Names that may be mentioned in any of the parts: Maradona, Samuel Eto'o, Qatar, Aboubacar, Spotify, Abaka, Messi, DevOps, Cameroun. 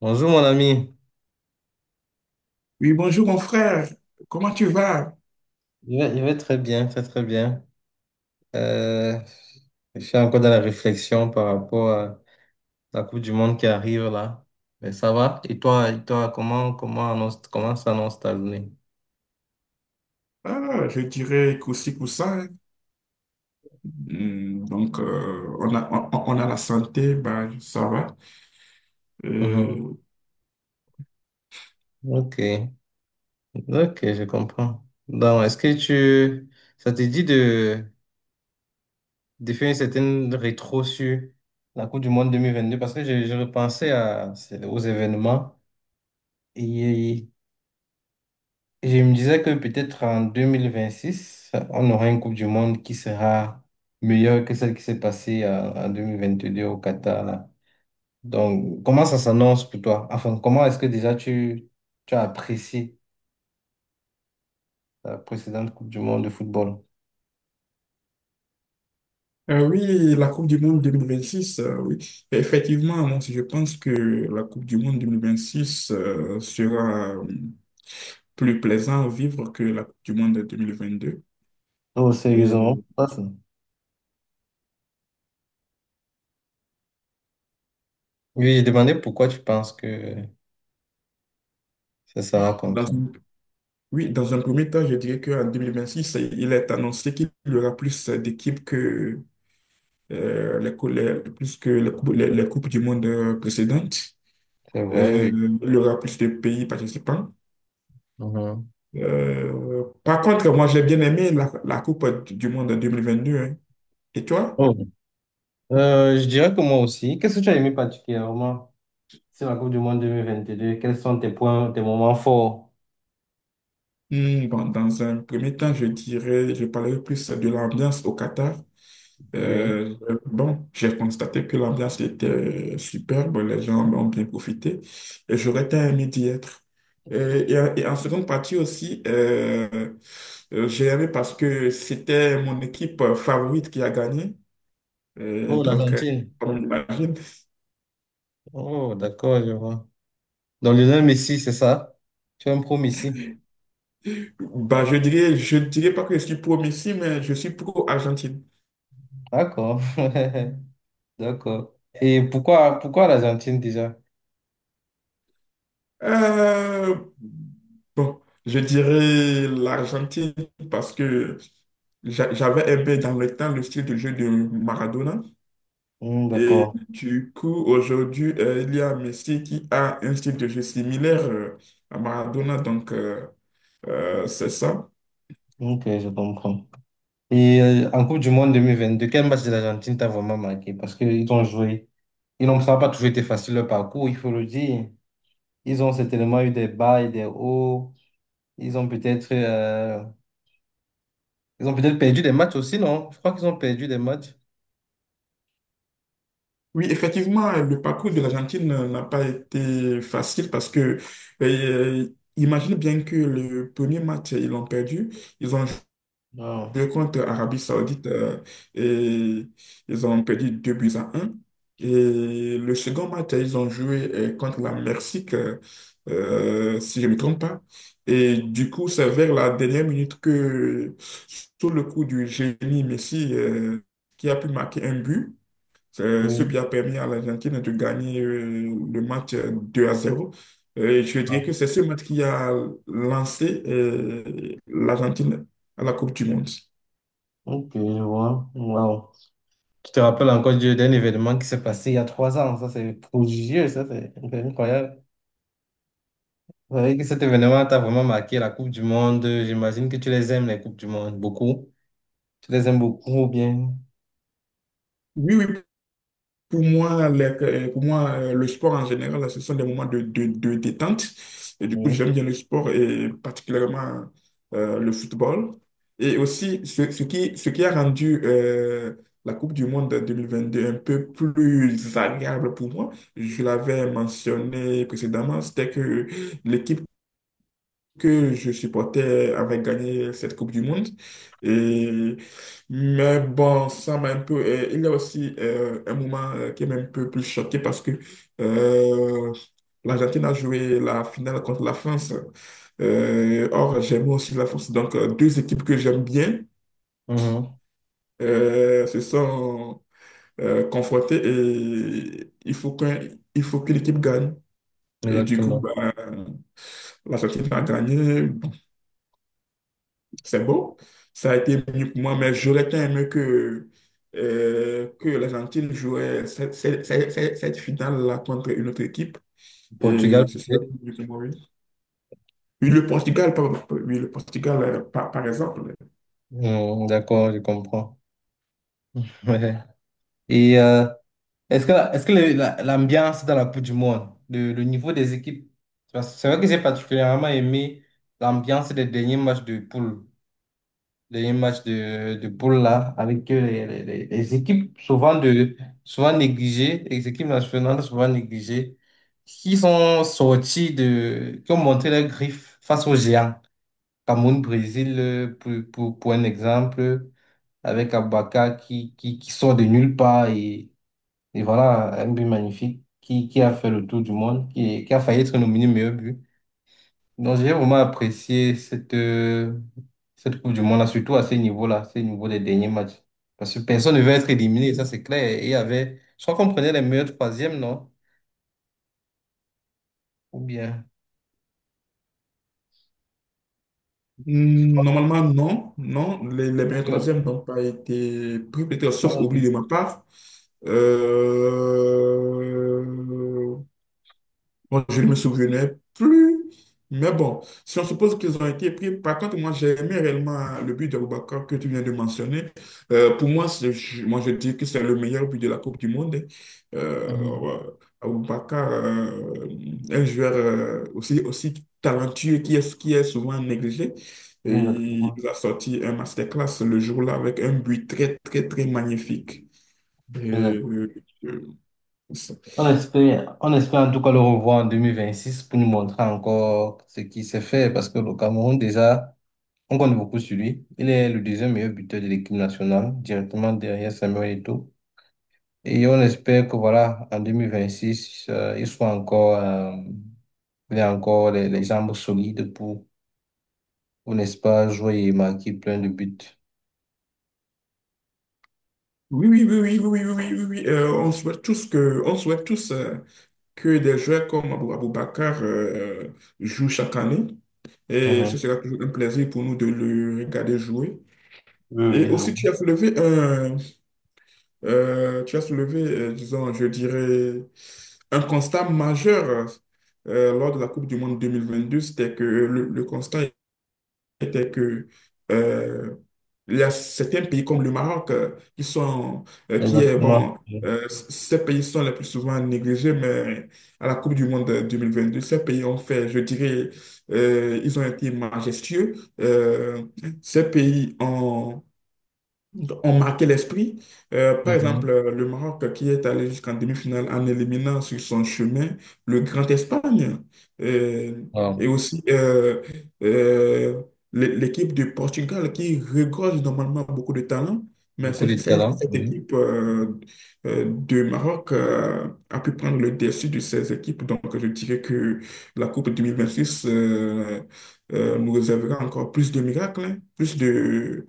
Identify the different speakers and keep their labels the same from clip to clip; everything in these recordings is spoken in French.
Speaker 1: Bonjour mon ami,
Speaker 2: Oui, bonjour mon frère, comment tu vas?
Speaker 1: je vais très bien, très très bien. Euh, je suis encore dans la réflexion par rapport à la Coupe du Monde qui arrive là. Mais ça va? Et toi, comment s'annonce ta journée?
Speaker 2: Ah, je dirais qu'aussi pour ça. Donc, on a la santé, ben, ça va.
Speaker 1: Mhm.
Speaker 2: Euh,
Speaker 1: Ok, ok, je comprends. Ça te dit de faire une certaine rétro sur la Coupe du Monde 2022? Parce que je repensais aux événements. Et Je me disais que peut-être en 2026 on aura une Coupe du Monde qui sera meilleure que celle qui s'est passée en 2022 au Qatar, là. Donc, comment ça s'annonce pour toi? Enfin, comment est-ce que déjà tu, tu as apprécié la précédente Coupe du Monde de football?
Speaker 2: ah oui, la Coupe du Monde 2026, oui. Effectivement, moi, je pense que la Coupe du Monde 2026 sera plus plaisant à vivre que la Coupe du Monde de 2022.
Speaker 1: Oh,
Speaker 2: Et
Speaker 1: sérieusement? Pas ça. Oui, j'ai demandé pourquoi tu penses que ça sera comme
Speaker 2: dans
Speaker 1: ça.
Speaker 2: une- oui, dans un premier temps, je dirais qu'en six il est annoncé qu'il y aura plus d'équipes que plus que les Coupes du Monde précédentes.
Speaker 1: C'est vrai,
Speaker 2: Euh,
Speaker 1: oui.
Speaker 2: il y aura plus de pays participants.
Speaker 1: Mhm.
Speaker 2: Par contre, moi, j'ai bien aimé la Coupe du Monde en 2022, hein. Et toi?
Speaker 1: Oh. Je dirais que moi aussi. Qu'est-ce que tu as aimé particulièrement sur la Coupe du Monde deux mille vingt-deux? Quels sont tes points, tes moments forts?
Speaker 2: Bon, dans un premier temps, je dirais, je parlerai plus de l'ambiance au Qatar.
Speaker 1: Oui.
Speaker 2: Euh, bon, j'ai constaté que l'ambiance était superbe, les gens en ont bien profité et j'aurais tant aimé d'y être. Et, et en seconde partie aussi, j'ai aimé parce que c'était mon équipe favorite qui a gagné. Euh,
Speaker 1: Oh,
Speaker 2: donc, euh,
Speaker 1: l'Argentine.
Speaker 2: comme on l'imagine,
Speaker 1: Oh, d'accord, je vois. Dans le nom Messi, c'est ça? Tu es un pro Messi.
Speaker 2: bah, je dirais pas que je suis pro Messi, mais je suis pro Argentine.
Speaker 1: D'accord. D'accord. Et pourquoi l'Argentine déjà?
Speaker 2: Euh, bon, je dirais l'Argentine parce que j'avais aimé dans le temps le style de jeu de Maradona.
Speaker 1: Hmm,
Speaker 2: Et
Speaker 1: d'accord.
Speaker 2: du coup, aujourd'hui, il y a Messi qui a un style de jeu similaire à Maradona. Donc, c'est ça.
Speaker 1: Ok, je comprends. Et en Coupe du Monde 2022, quel match de l'Argentine t'a vraiment marqué? Parce qu'ils ont joué. Ils n'ont Ça n'a pas toujours été facile leur parcours, il faut le dire. Ils ont certainement eu des bas et des hauts. Ils ont peut-être euh, Ils ont peut-être perdu des matchs aussi, non? Je crois qu'ils ont perdu des matchs.
Speaker 2: Oui, effectivement, le parcours de l'Argentine n'a pas été facile parce que, euh, imagine bien que le premier match, ils l'ont perdu. Ils ont
Speaker 1: Non.
Speaker 2: deux contre Arabie Saoudite, et ils ont perdu 2 buts à un. Et le second match, ils ont joué contre la Mexique, si je ne me trompe pas. Et du coup, c'est vers la dernière minute que, sous le coup du génie Messi, qui a pu marquer un but, c'est ce
Speaker 1: Oui.
Speaker 2: qui a permis à l'Argentine de gagner le match 2 à zéro. Et je dirais que c'est ce match qui a lancé l'Argentine à la Coupe du Monde.
Speaker 1: Ok, je vois. Wow. Tu te rappelles encore d'un événement qui s'est passé il y a 3 ans. Ça, c'est prodigieux. Ça, c'est incroyable. Vous savez que cet événement t'a vraiment marqué la Coupe du Monde. J'imagine que tu les aimes, les Coupes du Monde, beaucoup. Tu les aimes beaucoup ou bien.
Speaker 2: Oui, oui. Pour moi, le sport en général, ce sont des moments de détente. Et du coup,
Speaker 1: Oui.
Speaker 2: j'aime bien le sport et particulièrement le football. Et aussi, ce qui a rendu la Coupe du Monde 2022 un peu plus agréable pour moi, je l'avais mentionné précédemment, c'était que l'équipe que je supportais avait gagné cette Coupe du Monde. Et, mais bon, ça m'a un peu... il y a aussi un moment qui m'a un peu plus choqué parce que euh, l'Argentine a joué la finale contre la France. Or, j'aime aussi la France. Donc, deux équipes que j'aime bien
Speaker 1: Mhm.
Speaker 2: se sont confrontées et il faut que l'équipe gagne. Et du coup,
Speaker 1: Exactement.
Speaker 2: bah, l'Argentine a gagné. C'est beau. Ça a été mieux pour moi, mais j'aurais tant aimé que l'Argentine jouait cette finale-là contre une autre équipe. Et
Speaker 1: Portugal,
Speaker 2: ce serait
Speaker 1: peut-être.
Speaker 2: mieux pour moi, oui. Oui, oui, le Portugal, par exemple.
Speaker 1: Mhm, d'accord, je comprends. Ouais. Et est-ce que, est-ce que l'ambiance dans la Coupe du Monde, le niveau des équipes, parce que c'est vrai que j'ai particulièrement aimé l'ambiance des derniers matchs de poule. Dernier match de boule là, avec les, les équipes souvent négligées, les équipes nationales souvent négligées, qui sont qui ont montré leurs griffes face aux géants. Cameroun, Brésil, pour, pour un exemple, avec Abaka qui sort de nulle part et voilà, un but magnifique qui a fait le tour du monde, qui a failli être nominé meilleur but. Donc, j'ai vraiment apprécié cette Coupe du Monde-là, surtout à ce niveau-là, à ce niveau des derniers matchs. Parce que personne ne veut être éliminé, ça c'est clair. Et il y avait, je crois qu'on prenait les meilleurs troisièmes, non? Ou bien.
Speaker 2: Normalement, non. Non, les
Speaker 1: On
Speaker 2: meilleurs
Speaker 1: prenait-
Speaker 2: troisièmes n'ont pas été pris, peut-être sauf oubli de ma part. Euh, je ne me souvenais plus. Mais bon, si on suppose qu'ils ont été pris, par contre, moi, j'ai aimé réellement, hein, le but d'Aboubacar que tu viens de mentionner. Pour moi, moi, je dis que c'est le meilleur but de la Coupe du Monde, hein.
Speaker 1: Mhm.
Speaker 2: Ouais, Aboubacar, un joueur aussi talentueux qui est souvent négligé. Et
Speaker 1: Exactement.
Speaker 2: il a sorti un masterclass le jour-là avec un but très, très, très magnifique. Et,
Speaker 1: Exact.
Speaker 2: euh, euh,
Speaker 1: On espère en tout cas le revoir en 2026 pour nous montrer encore ce qui s'est fait. Parce que le Cameroun, déjà, on compte beaucoup sur lui. Il est le deuxième meilleur buteur de l'équipe nationale, directement derrière Samuel Eto'o. Et on espère que voilà, en 2026, ils soient il ait encore les jambes solides pour, n'est-ce pas, jouer et marquer plein de buts.
Speaker 2: Oui, oui, oui, oui, oui, oui, oui, oui, oui. On souhaite tous que des joueurs comme Aboubakar jouent chaque année. Et ce
Speaker 1: Mhm.
Speaker 2: sera toujours un plaisir pour nous de le regarder jouer.
Speaker 1: Oui,
Speaker 2: Et
Speaker 1: oui, ça va.
Speaker 2: aussi, tu as soulevé, disons, je dirais, un constat majeur lors de la Coupe du Monde 2022, c'était que le constat était que euh, il y a certains pays comme le Maroc qui sont, qui est
Speaker 1: Exactement.
Speaker 2: bon,
Speaker 1: Mhm.
Speaker 2: ces pays sont les plus souvent négligés, mais à la Coupe du Monde 2022, ces pays ont fait, je dirais, ils ont été majestueux. Euh, ces pays ont marqué l'esprit. Par exemple,
Speaker 1: Mhm.
Speaker 2: le Maroc qui est allé jusqu'en demi-finale en éliminant sur son chemin le Grand Espagne. Euh, et
Speaker 1: Wow.
Speaker 2: aussi, euh, l'équipe du Portugal qui regorge normalement beaucoup de talent, mais
Speaker 1: Beaucoup de talent.
Speaker 2: cette
Speaker 1: Mhm.
Speaker 2: équipe de Maroc a pu prendre le dessus de ces équipes. Donc, je dirais que la Coupe 2026 nous réservera encore plus de miracles, hein, plus de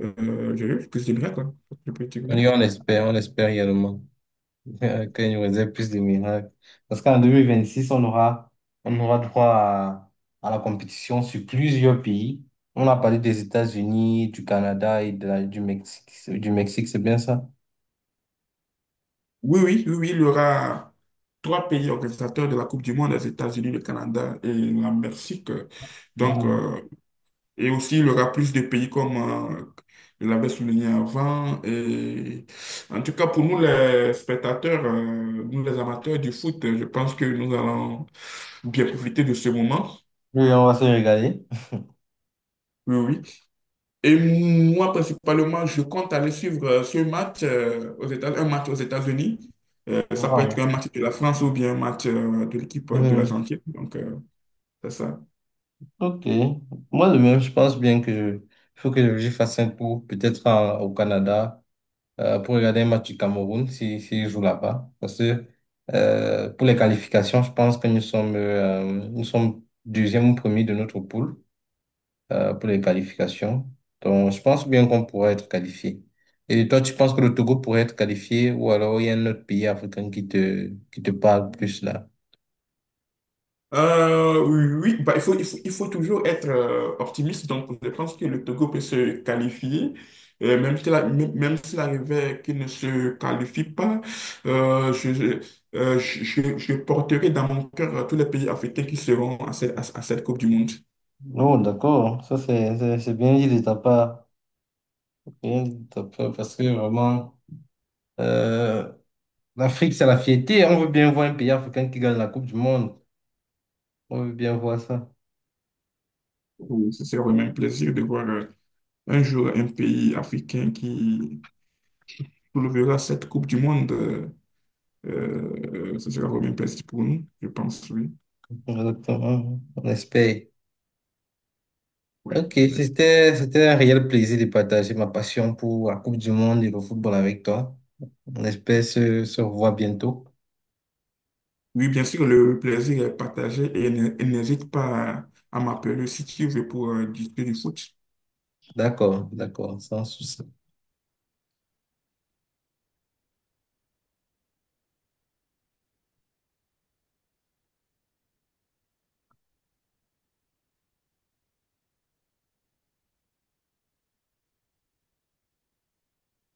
Speaker 2: que c'est bien, quoi. Je peux dire
Speaker 1: Et
Speaker 2: oui.
Speaker 1: on espère également. Ok, nous faisais plus de miracles. Parce qu'en 2026, on aura droit à la compétition sur plusieurs pays. On a parlé des États-Unis, du Canada et du Mexique. Du Mexique, c'est bien ça?
Speaker 2: Oui, oui, oui, oui, il y aura trois pays organisateurs de la Coupe du Monde, les États-Unis, le Canada et la Mexique. Donc,
Speaker 1: Mhm.
Speaker 2: euh, et aussi, il y aura plus de pays comme je l'avais souligné avant. Et en tout cas, pour nous, les spectateurs, nous, les amateurs du foot, je pense que nous allons bien profiter de ce moment.
Speaker 1: Oui, on va se régaler.
Speaker 2: Oui, oui. Et moi, principalement, je compte aller suivre ce match, un match aux États-Unis. Ça peut être un
Speaker 1: Wow.
Speaker 2: match de la France ou bien un match de l'équipe de
Speaker 1: Mhm.
Speaker 2: l'Argentine. Donc, c'est ça.
Speaker 1: Ok. Moi, de même, je pense bien que il faut que je fasse un tour, peut-être au Canada. Pour regarder un match du Cameroun si s'il joue là-bas. Parce que pour les qualifications, je pense que nous sommes deuxième ou premier de notre poule pour les qualifications. Donc, je pense bien qu'on pourrait être qualifié. Et toi, tu penses que le Togo pourrait être qualifié ou alors il y a un autre pays africain qui qui te parle plus là?
Speaker 2: Oui, oui, bah, il faut toujours être optimiste. Donc, je pense que le Togo peut se qualifier. Même s'il arrivait qu'il ne se qualifie pas, euh, je, je, je porterai dans mon cœur tous les pays africains qui seront à cette Coupe du Monde.
Speaker 1: Non, d'accord, ça c'est bien dit de ta part. Rien de top, parce que vraiment, euh, l'Afrique, c'est la fierté. On veut bien voir un pays africain qui gagne la Coupe du Monde. On veut bien voir ça.
Speaker 2: Oui, ce sera vraiment un plaisir de voir un jour un pays africain qui soulevera cette Coupe du Monde. Ce sera vraiment un plaisir pour nous, je pense, oui.
Speaker 1: Exactement. On espère.
Speaker 2: Oui,
Speaker 1: Ok,
Speaker 2: bien sûr.
Speaker 1: c'était un réel plaisir de partager ma passion pour la Coupe du Monde et le football avec toi. On espère se revoir bientôt.
Speaker 2: Oui, bien sûr, le plaisir est partagé et n'hésite pas à m'appeler si tu veux pour discuter du foot.
Speaker 1: D'accord, d'accord, sans souci.